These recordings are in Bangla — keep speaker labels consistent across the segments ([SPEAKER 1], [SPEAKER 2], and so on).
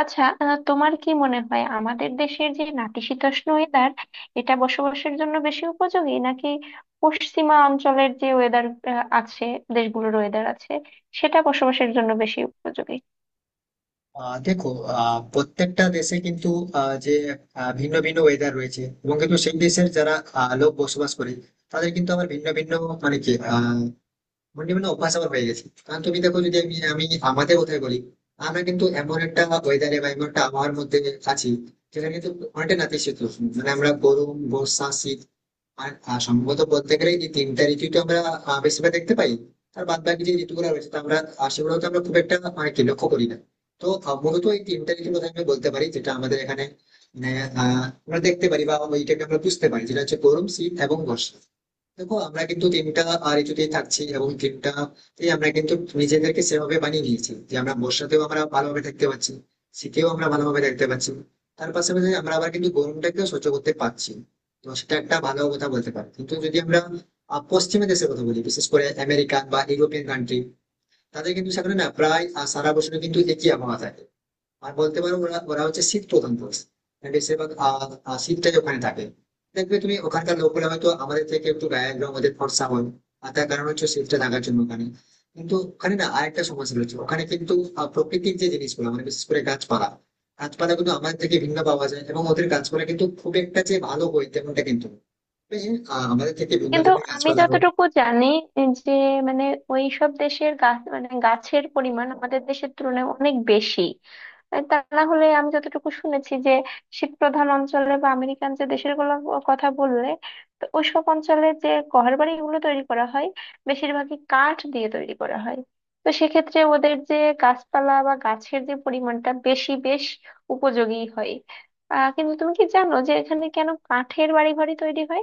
[SPEAKER 1] আচ্ছা, তোমার কি মনে হয় আমাদের দেশের যে নাতিশীতোষ্ণ ওয়েদার এটা বসবাসের জন্য বেশি উপযোগী, নাকি পশ্চিমা অঞ্চলের যে ওয়েদার আছে, দেশগুলোর ওয়েদার আছে, সেটা বসবাসের জন্য বেশি উপযোগী?
[SPEAKER 2] দেখো, প্রত্যেকটা দেশে কিন্তু আহ, যে ভিন্ন ভিন্ন ওয়েদার রয়েছে, এবং কিন্তু সেই দেশের যারা লোক বসবাস করে তাদের কিন্তু আবার ভিন্ন ভিন্ন মানে কি আহ, ভিন্ন ভিন্ন অভ্যাস আবার হয়ে গেছে। কারণ তুমি দেখো, যদি আমি আমি আমাদের কথাই বলি, আমরা কিন্তু এমন একটা ওয়েদারে বা এমন একটা আবহাওয়ার মধ্যে আছি যেখানে কিন্তু অনেকটা নাতিশীতোষ্ণ, মানে আমরা গরম বর্ষা শীত আর সম্ভবত বলতে গেলে এই তিনটা ঋতুই তো আমরা বেশিরভাগ দেখতে পাই। আর বাদ বাকি যে ঋতুগুলো রয়েছে তা আমরা, সেগুলো তো আমরা খুব একটা মানে কি লক্ষ্য করি না। তো মূলত এই তিনটা ঋতুর কথা আমি বলতে পারি যেটা আমাদের এখানে মানে, আমরা দেখতে পারি বা ওইটাকে আমরা বুঝতে পারি, যেটা হচ্ছে গরম শীত এবং বর্ষা। দেখো, আমরা কিন্তু টিমটা ঋতুতেই থাকছি এবং টিমটা আমরা কিন্তু নিজেদেরকে সেভাবে বানিয়ে নিয়েছি যে আমরা বর্ষাতেও আমরা ভালোভাবে থাকতে পারছি, শীতেও আমরা ভালোভাবে থাকতে পারছি, তার পাশাপাশি আমরা আবার কিন্তু গরমটাকেও সহ্য করতে পারছি। তো সেটা একটা ভালো কথা বলতে পারি। কিন্তু যদি আমরা পশ্চিমা দেশের কথা বলি, বিশেষ করে আমেরিকান বা ইউরোপিয়ান কান্ট্রি, তাদের কিন্তু সেখানে না প্রায় সারা বছর কিন্তু একই আবহাওয়া থাকে। আর বলতে পারো ওরা ওরা হচ্ছে শীত প্রধান দেশ, মানে বেশিরভাগ আহ, আহ, শীতটাই ওখানে থাকে। দেখবে তুমি, ওখানকার লোকেরা হয়তো আমাদের থেকে একটু গায়ের রং ওদের ফর্সা হয়, আর তার কারণ হচ্ছে শীতটা থাকার জন্য ওখানে। কিন্তু ওখানে না আরেকটা সমস্যা রয়েছে, ওখানে কিন্তু প্রকৃতির যে জিনিসগুলো মানে বিশেষ করে গাছপালা, গাছপালা কিন্তু আমাদের থেকে ভিন্ন পাওয়া যায় এবং ওদের গাছপালা কিন্তু খুব একটা যে ভালো হয় তেমনটা কিন্তু নয়। তবে হ্যাঁ, আমাদের থেকে ভিন্ন
[SPEAKER 1] কিন্তু
[SPEAKER 2] ধরনের
[SPEAKER 1] আমি
[SPEAKER 2] গাছপালা হয়।
[SPEAKER 1] যতটুকু জানি যে, মানে, ওই সব দেশের গাছ, মানে গাছের পরিমাণ আমাদের দেশের তুলনায় অনেক বেশি। তা না হলে আমি যতটুকু শুনেছি যে, শীত প্রধান অঞ্চলে বা আমেরিকান যে দেশের গুলো কথা বললে, তো ওইসব অঞ্চলে যে ঘর বাড়িগুলো তৈরি করা হয়, বেশিরভাগই কাঠ দিয়ে তৈরি করা হয়। তো সেক্ষেত্রে ওদের যে গাছপালা বা গাছের যে পরিমাণটা বেশি, বেশ উপযোগী হয়। কিন্তু তুমি কি জানো যে এখানে কেন কাঠের বাড়ি ঘরই তৈরি হয়?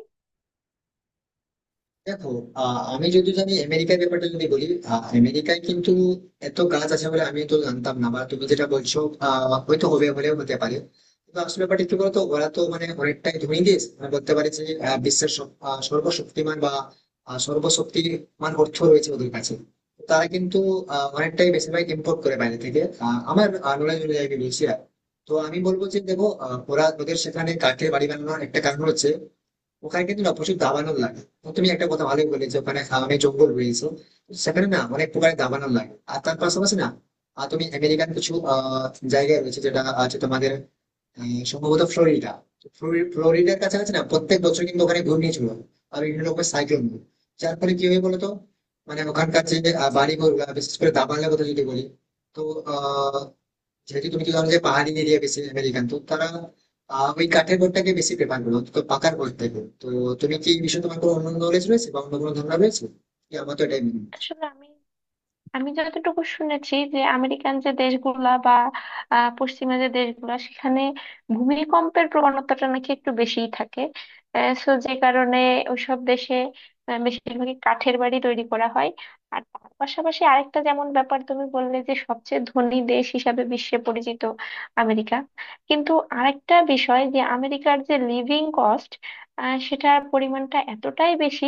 [SPEAKER 2] দেখো, আমি যদি জানি আমেরিকার ব্যাপারটা যদি বলি, আমেরিকায় কিন্তু এত গাছ আছে বলে আমি তো জানতাম না, বা তুমি যেটা বলছো হয়তো হবে, হলেও হতে পারে। কিন্তু আসল ব্যাপারটা কি বলতো, ওরা তো মানে অনেকটাই ধনী দেশ, মানে বলতে পারে যে বিশ্বের সর্বশক্তিমান বা সর্বশক্তিমান অর্থ রয়েছে ওদের কাছে। তারা কিন্তু অনেকটাই বেশিরভাগ ইম্পোর্ট করে বাইরে থেকে, আমার নলেজ অনুযায়ী আমি বলছি আর। তো আমি বলবো যে দেখো, ওরা ওদের সেখানে কাঠের বাড়ি বানানোর একটা কারণ হচ্ছে ওখানে কিন্তু না প্রচুর দাবানল লাগে। তো তুমি একটা কথা ভালোই বলে যে ওখানে অনেক জঙ্গল রয়েছে, তো সেখানে না অনেক প্রকারের দাবানল লাগে। আর তার পাশাপাশি না, আর তুমি আমেরিকান কিছু জায়গা রয়েছে যেটা আছে তোমাদের, সম্ভবত ফ্লোরিডা। তো ফ্লোরিডার কাছাকাছি না প্রত্যেক বছর কিন্তু ওখানে ঘূর্ণিঝড় হয় আর বিভিন্ন রকমের সাইক্লোন। যার ফলে কি হয় বলতো, মানে ওখানকার যে বাড়ি ঘর, বিশেষ করে দাবানলের কথা যদি বলি, তো আহ যেহেতু তুমি তো জানো যে পাহাড়ি এরিয়া বেশি আমেরিকান, তো তারা ওই কাঠের ঘরটাকে বেশি প্রেফার করো তো পাকার ঘর থেকে। তো তুমি কি এই বিষয়ে তোমার কোনো অন্য নলেজ রয়েছে বা অন্য কোনো ধারণা রয়েছে কি? আমার তো এটাই মনে হয়।
[SPEAKER 1] আসলে আমি আমি যতটুকু শুনেছি যে, আমেরিকান যে দেশগুলা বা পশ্চিমা যে দেশগুলা, সেখানে ভূমিকম্পের প্রবণতাটা নাকি একটু বেশিই থাকে। সো যে কারণে ওইসব দেশে বেশিরভাগই কাঠের বাড়ি তৈরি করা হয়। আর তার পাশাপাশি আরেকটা যেমন ব্যাপার তুমি বললে যে, সবচেয়ে ধনী দেশ হিসাবে বিশ্বে পরিচিত আমেরিকা। কিন্তু আরেকটা বিষয় যে আমেরিকার যে লিভিং কস্ট, সেটার পরিমাণটা এতটাই বেশি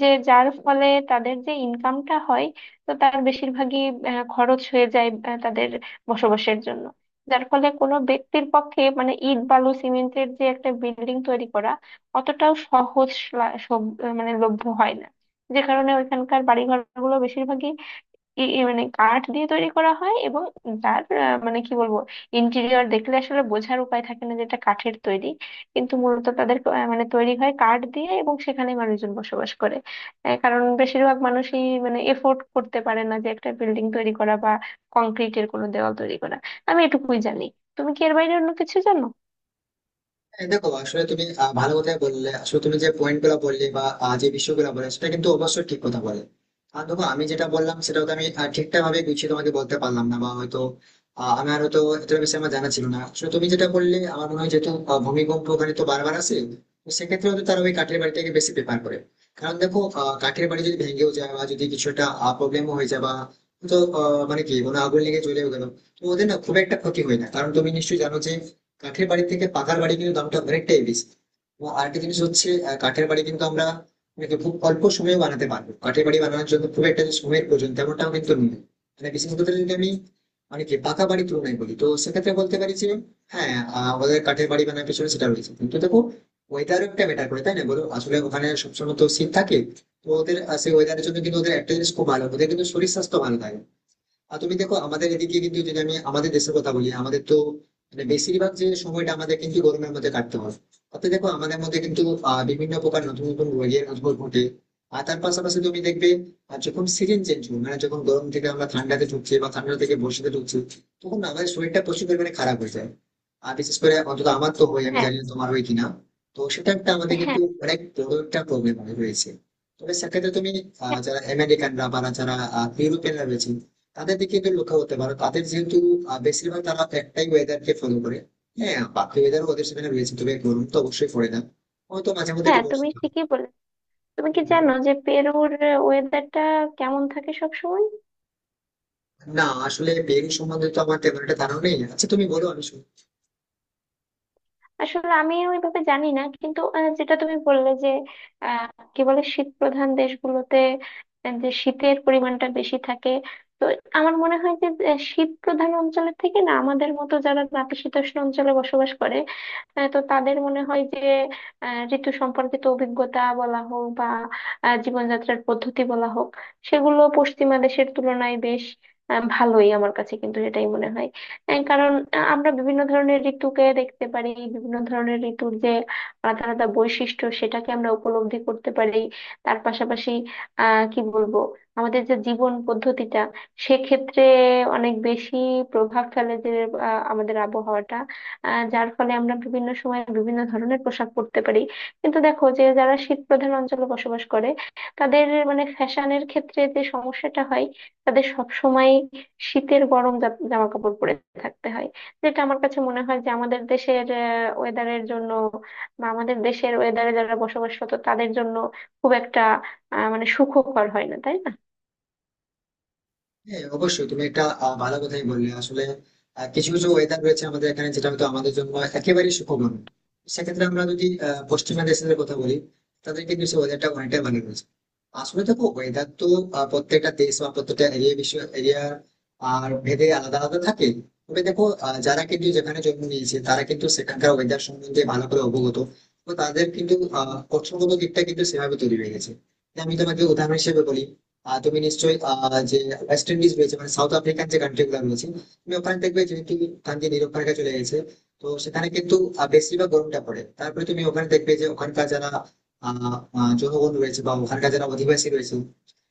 [SPEAKER 1] যে যার ফলে তাদের যে ইনকামটা হয়, তো তার বেশিরভাগই খরচ হয়ে যায় তাদের বসবাসের জন্য। যার ফলে কোনো ব্যক্তির পক্ষে, মানে, ইট বালু সিমেন্টের যে একটা বিল্ডিং তৈরি করা, অতটাও সহজ মানে লভ্য হয় না। যে কারণে ওইখানকার বাড়িঘর গুলো বেশিরভাগই ই- ই মানে কাঠ দিয়ে তৈরি করা হয়। এবং যার মানে, কি বলবো, ইন্টেরিয়র দেখলে আসলে বোঝার উপায় থাকে না যে এটা কাঠের তৈরি, কিন্তু মূলত তাদের মানে তৈরি হয় কাঠ দিয়ে এবং সেখানে মানুষজন বসবাস করে। কারণ বেশিরভাগ মানুষই মানে এফোর্ড করতে পারে না যে একটা বিল্ডিং তৈরি করা বা কংক্রিটের কোনো দেওয়াল তৈরি করা। আমি এটুকুই জানি। তুমি কি এর বাইরে অন্য কিছু জানো?
[SPEAKER 2] হ্যাঁ, দেখো আসলে তুমি ভালো কথাই বললে। আসলে তুমি যে পয়েন্ট গুলো বললে বা যে বিষয়গুলো বললে সেটা কিন্তু অবশ্যই ঠিক কথা বলে। আর দেখো, আমি যেটা বললাম সেটা হয়তো আমি ঠিকঠাক ভাবে গুছিয়ে তোমাকে বলতে পারলাম না, বা হয়তো আমার হয়তো এতটা বেশি আমার জানা ছিল না। আসলে তুমি যেটা বললে আমার মনে হয় যেহেতু ভূমিকম্প ওখানে তো বারবার আসে, তো সেক্ষেত্রে হয়তো তারা ওই কাঠের বাড়িটাকে বেশি প্রেফার করে। কারণ দেখো, কাঠের বাড়ি যদি ভেঙেও যায় বা যদি কিছু একটা প্রবলেমও হয়ে যায় বা, তো মানে কি কোনো আগুন লেগে জ্বলেও গেল, তো ওদের না খুব একটা ক্ষতি হয় না। কারণ তুমি নিশ্চয়ই জানো যে কাঠের বাড়ি থেকে পাকার বাড়ি কিন্তু দামটা অনেকটাই বেশি। এবং আরেকটা জিনিস হচ্ছে কাঠের বাড়ি কিন্তু আমরা কিন্তু খুব অল্প সময়ে বানাতে পারবো। কাঠের বাড়ি বানানোর জন্য খুব একটা যে সময়ের প্রয়োজন তেমনটাও কিন্তু নেই, মানে বিশেষ করে যদি আমি মানে কি পাকা বাড়ি তুলনায় বলি। তো সেক্ষেত্রে বলতে পারি যে হ্যাঁ, আমাদের কাঠের বাড়ি বানানোর পিছনে সেটা রয়েছে। কিন্তু দেখো, ওয়েদারও একটা ম্যাটার করে, তাই না বলো? আসলে ওখানে সবসময় তো শীত থাকে, তো ওদের সেই ওয়েদারের জন্য কিন্তু ওদের একটা জিনিস খুব ভালো, ওদের কিন্তু শরীর স্বাস্থ্য ভালো থাকে। আর তুমি দেখো, আমাদের এদিকে কিন্তু যদি আমি আমাদের দেশের কথা বলি, আমাদের তো মানে বেশিরভাগ যে সময়টা আমাদের কিন্তু গরমের মধ্যে কাটতে হয়। তাতে দেখো, আমাদের মধ্যে কিন্তু বিভিন্ন প্রকার নতুন নতুন রোগের উদ্ভব ঘটে। আর তার পাশাপাশি তুমি দেখবে, আর যখন সিজন চেঞ্জ হবে, মানে যখন গরম থেকে আমরা ঠান্ডাতে ঢুকছি বা ঠান্ডা থেকে বর্ষাতে ঢুকছি, তখন আমাদের শরীরটা প্রচুর পরিমাণে খারাপ হয়ে যায়। আর বিশেষ করে অন্তত আমার তো হয়, আমি
[SPEAKER 1] হ্যাঁ।
[SPEAKER 2] জানি না তোমার হয় কিনা। তো সেটা একটা আমাদের
[SPEAKER 1] হ্যাঁ।
[SPEAKER 2] কিন্তু অনেক বড় একটা প্রবলেম হয়ে রয়েছে। তবে সেক্ষেত্রে তুমি
[SPEAKER 1] হ্যাঁ।
[SPEAKER 2] যারা আমেরিকানরা বা যারা ইউরোপিয়ানরা রয়েছে তাদের দিকে একটু লক্ষ্য করতে পারো। তাদের যেহেতু বেশিরভাগ তারা একটাই ওয়েদার কে ফলো করে। হ্যাঁ, বাকি ওয়েদার ওদের সেখানে রয়েছে, তবে গরম তো অবশ্যই পড়ে না, হয়তো মাঝে মধ্যে
[SPEAKER 1] হ্যাঁ,
[SPEAKER 2] একটু বর্ষা
[SPEAKER 1] তুমি
[SPEAKER 2] হয়।
[SPEAKER 1] ঠিকই বলে। তুমি কি জানো যে পেরুর ওয়েদারটা কেমন থাকে সব সময়?
[SPEAKER 2] না, আসলে বেরি সম্বন্ধে তো আমার তেমন একটা ধারণা নেই। আচ্ছা তুমি বলো, আমি শুনি।
[SPEAKER 1] আসলে আমি ওইভাবে জানি না, কিন্তু যেটা তুমি বললে যে, আহ, কি বলে, শীত প্রধান দেশগুলোতে যে শীতের পরিমাণটা বেশি থাকে, তো আমার মনে হয় যে শীত প্রধান অঞ্চলের থেকে না আমাদের মতো যারা নাতিশীতোষ্ণ অঞ্চলে বসবাস করে, তো তাদের মনে হয় যে, ঋতু সম্পর্কিত অভিজ্ঞতা বলা হোক বা জীবনযাত্রার পদ্ধতি বলা হোক, সেগুলো পশ্চিমা দেশের তুলনায় বেশ ভালোই, আমার কাছে কিন্তু এটাই মনে হয়। কারণ আমরা বিভিন্ন ধরনের ঋতুকে দেখতে পারি, বিভিন্ন ধরনের ঋতুর যে আলাদা আলাদা বৈশিষ্ট্য সেটাকে আমরা উপলব্ধি করতে পারি। তার পাশাপাশি, কি বলবো, আমাদের যে জীবন পদ্ধতিটা, সেক্ষেত্রে অনেক বেশি প্রভাব ফেলে যে আমাদের আবহাওয়াটা, যার ফলে আমরা বিভিন্ন সময় বিভিন্ন ধরনের পোশাক পরতে পারি। কিন্তু দেখো, যে যারা শীত প্রধান অঞ্চলে বসবাস করে, তাদের মানে ফ্যাশনের ক্ষেত্রে যে সমস্যাটা হয়, তাদের সব শীতের গরম জামা কাপড় পরে থাকতে হয়। যেটা আমার কাছে মনে হয় যে আমাদের দেশের ওয়েদারের জন্য বা আমাদের দেশের ওয়েদারে যারা বসবাসরত তাদের জন্য খুব একটা মানে সুখকর হয় না, তাই না?
[SPEAKER 2] হ্যাঁ অবশ্যই, তুমি একটা ভালো কথাই বললে। আসলে কিছু কিছু ওয়েদার রয়েছে আমাদের এখানে যেটা হয়তো আমাদের জন্য একেবারেই সুখবর নয়। সেক্ষেত্রে আমরা যদি পশ্চিমা দেশের কথা বলি, তাদের কিন্তু সেই ওয়েদারটা অনেকটাই ভালো রয়েছে। আসলে দেখো, ওয়েদার তো প্রত্যেকটা দেশ বা প্রত্যেকটা এরিয়া, বিশ্ব এরিয়া আর ভেদে আলাদা আলাদা থাকে। তবে দেখো, যারা কিন্তু যেখানে জন্ম নিয়েছে তারা কিন্তু সেখানকার ওয়েদার সম্বন্ধে ভালো করে অবগত, তো তাদের কিন্তু কৌশলগত দিকটা কিন্তু সেভাবে তৈরি হয়ে গেছে। আমি তোমাকে উদাহরণ হিসেবে বলি, তুমি নিশ্চয়ই আহ, যে ওয়েস্ট ইন্ডিজ রয়েছে, মানে সাউথ আফ্রিকান যে কান্ট্রি গুলো রয়েছে, তুমি ওখানে দেখবে যেহেতু গান্ধী নিরক্ষরেখা চলে গেছে, তো সেখানে কিন্তু বেশিরভাগ গরমটা পড়ে। তারপরে তুমি ওখানে দেখবে যে ওখানকার যারা আহ আহ, জনগণ রয়েছে বা ওখানকার যারা অধিবাসী রয়েছে,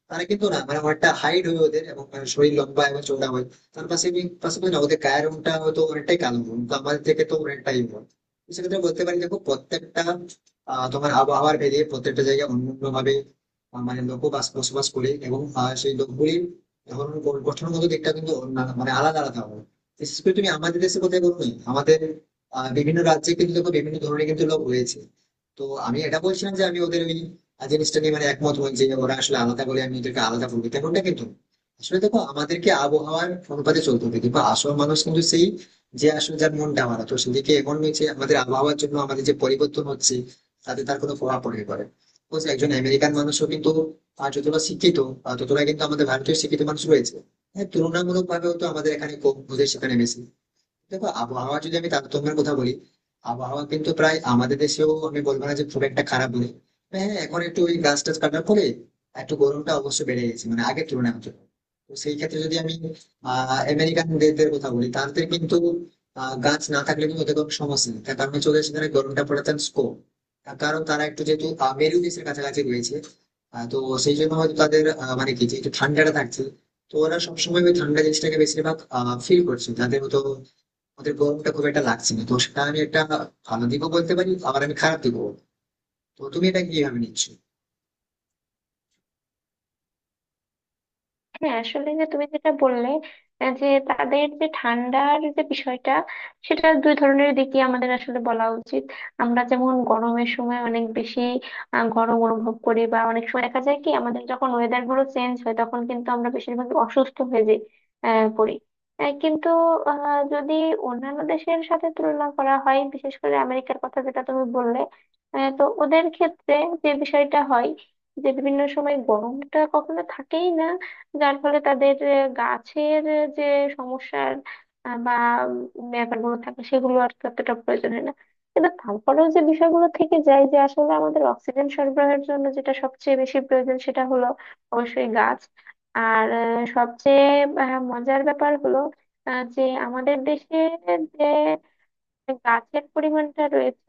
[SPEAKER 2] তারা কিন্তু না মানে অনেকটা হাইট হয় ওদের, এবং মানে শরীর লম্বা এবং চওড়া হয়। তার পাশাপাশি না ওদের গায়ের রংটা হয়তো অনেকটাই কালো, কিন্তু আমাদের থেকে তো অনেকটাই হয়। তো সেক্ষেত্রে বলতে পারি, দেখো, প্রত্যেকটা তোমার আবহাওয়ার ভেদে প্রত্যেকটা জায়গায় অন্যান্য ভাবে মানে লোক বাস বসবাস করে, এবং সেই লোকগুলির ধরন গঠনগত দিকটা কিন্তু মানে আলাদা আলাদা হয়। বিশেষ করে তুমি আমাদের দেশে কোথায় বলবে, আমাদের বিভিন্ন রাজ্যে কিন্তু দেখো বিভিন্ন ধরনের কিন্তু লোক রয়েছে। তো আমি এটা বলছিলাম যে আমি ওদের ওই আর জিনিসটা নিয়ে মানে একমত হন যে ওরা আসলে আলাদা বলে আমি এদেরকে আলাদা বলবো তেমনটা কিন্তু না। আসলে দেখো, আমাদেরকে আবহাওয়ার অনুপাতে চলতে হবে, কিন্তু আসল মানুষ কিন্তু সেই, যে আসলে যার মনটা আমার তো সেদিকে এমন হয়েছে আমাদের আবহাওয়ার জন্য। আমাদের যে পরিবর্তন হচ্ছে তাতে তার কোনো প্রভাব পড়ে পারে। বুঝলে, একজন আমেরিকান মানুষও কিন্তু যতটা শিক্ষিত, ততটা কিন্তু আমাদের ভারতীয় শিক্ষিত মানুষ রয়েছে। হ্যাঁ, তুলনামূলক ভাবে হয়তো আমাদের এখানে কম, ওদের সেখানে বেশি। দেখো, আবহাওয়া যদি আমি তারতম্যের কথা বলি, আবহাওয়া কিন্তু প্রায় আমাদের দেশেও আমি বলবো না যে খুব একটা খারাপ বলে। হ্যাঁ হ্যাঁ, এখন একটু ওই গাছ টাছ কাটার পরে একটু গরমটা অবশ্য বেড়ে গেছে, মানে আগের তুলনায় হতো। তো সেই ক্ষেত্রে যদি আমি আমেরিকান দেশদের কথা বলি, তাদের কিন্তু গাছ না থাকলে কিন্তু ওদের কোনো সমস্যা নেই। তার কারণ চলে, সেখানে গরমটা পড়ে তার স্কোপ, তার কারণ তারা একটু যেহেতু মেরু দেশের কাছাকাছি রয়েছে। তো সেই জন্য হয়তো তাদের মানে কি যে একটু ঠান্ডাটা থাকছে, তো ওরা সবসময় ওই ঠান্ডা জিনিসটাকে বেশিরভাগ ফিল করছে। তাদের হয়তো ওদের গরমটা খুব একটা লাগছে না। তো সেটা আমি একটা ভালো দিকও বলতে পারি, আবার আমি খারাপ দিকও বলতে পারি। তো তুমি এটা কিভাবে নিচ্ছ?
[SPEAKER 1] হ্যাঁ, আসলে যে তুমি যেটা বললে, যে তাদের যে ঠান্ডার যে বিষয়টা, সেটা দুই ধরনের দিকই আমাদের আসলে বলা উচিত। আমরা যেমন গরমের সময় অনেক বেশি গরম অনুভব করি, বা অনেক সময় দেখা যায় কি আমাদের যখন ওয়েদার গুলো চেঞ্জ হয় তখন কিন্তু আমরা বেশিরভাগ অসুস্থ হয়ে যাই, পড়ি। কিন্তু যদি অন্যান্য দেশের সাথে তুলনা করা হয়, বিশেষ করে আমেরিকার কথা যেটা তুমি বললে, তো ওদের ক্ষেত্রে যে বিষয়টা হয়, যে বিভিন্ন সময় গরমটা কখনো থাকেই না, যার ফলে তাদের গাছের যে সমস্যার বা ব্যাপারগুলো থাকে, সেগুলো আর ততটা প্রয়োজন হয় না। কিন্তু তারপরেও যে বিষয়গুলো থেকে যায়, যে আসলে আমাদের অক্সিজেন সরবরাহের জন্য যেটা সবচেয়ে বেশি প্রয়োজন, সেটা হলো অবশ্যই গাছ। আর সবচেয়ে মজার ব্যাপার হলো, যে আমাদের দেশে যে গাছের পরিমাণটা রয়েছে,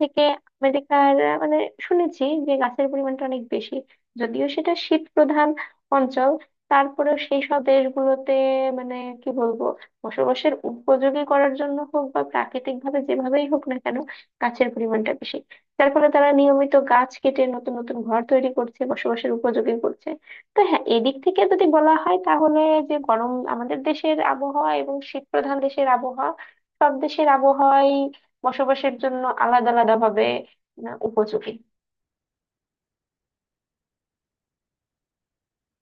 [SPEAKER 1] থেকে আমেরিকার মানে, শুনেছি যে গাছের পরিমাণটা অনেক বেশি। যদিও সেটা শীত প্রধান অঞ্চল, তারপরেও সেই সব দেশগুলোতে মানে, কি বলবো, বসবাসের উপযোগী করার জন্য হোক বা প্রাকৃতিক ভাবে, যেভাবেই হোক না কেন, গাছের পরিমাণটা বেশি। যার ফলে তারা নিয়মিত গাছ কেটে নতুন নতুন ঘর তৈরি করছে, বসবাসের উপযোগী করছে। তো হ্যাঁ, এদিক থেকে যদি বলা হয় তাহলে, যে গরম আমাদের দেশের আবহাওয়া এবং শীত প্রধান দেশের আবহাওয়া, সব দেশের আবহাওয়াই বসবাসের জন্য আলাদা আলাদা ভাবে উপযোগী।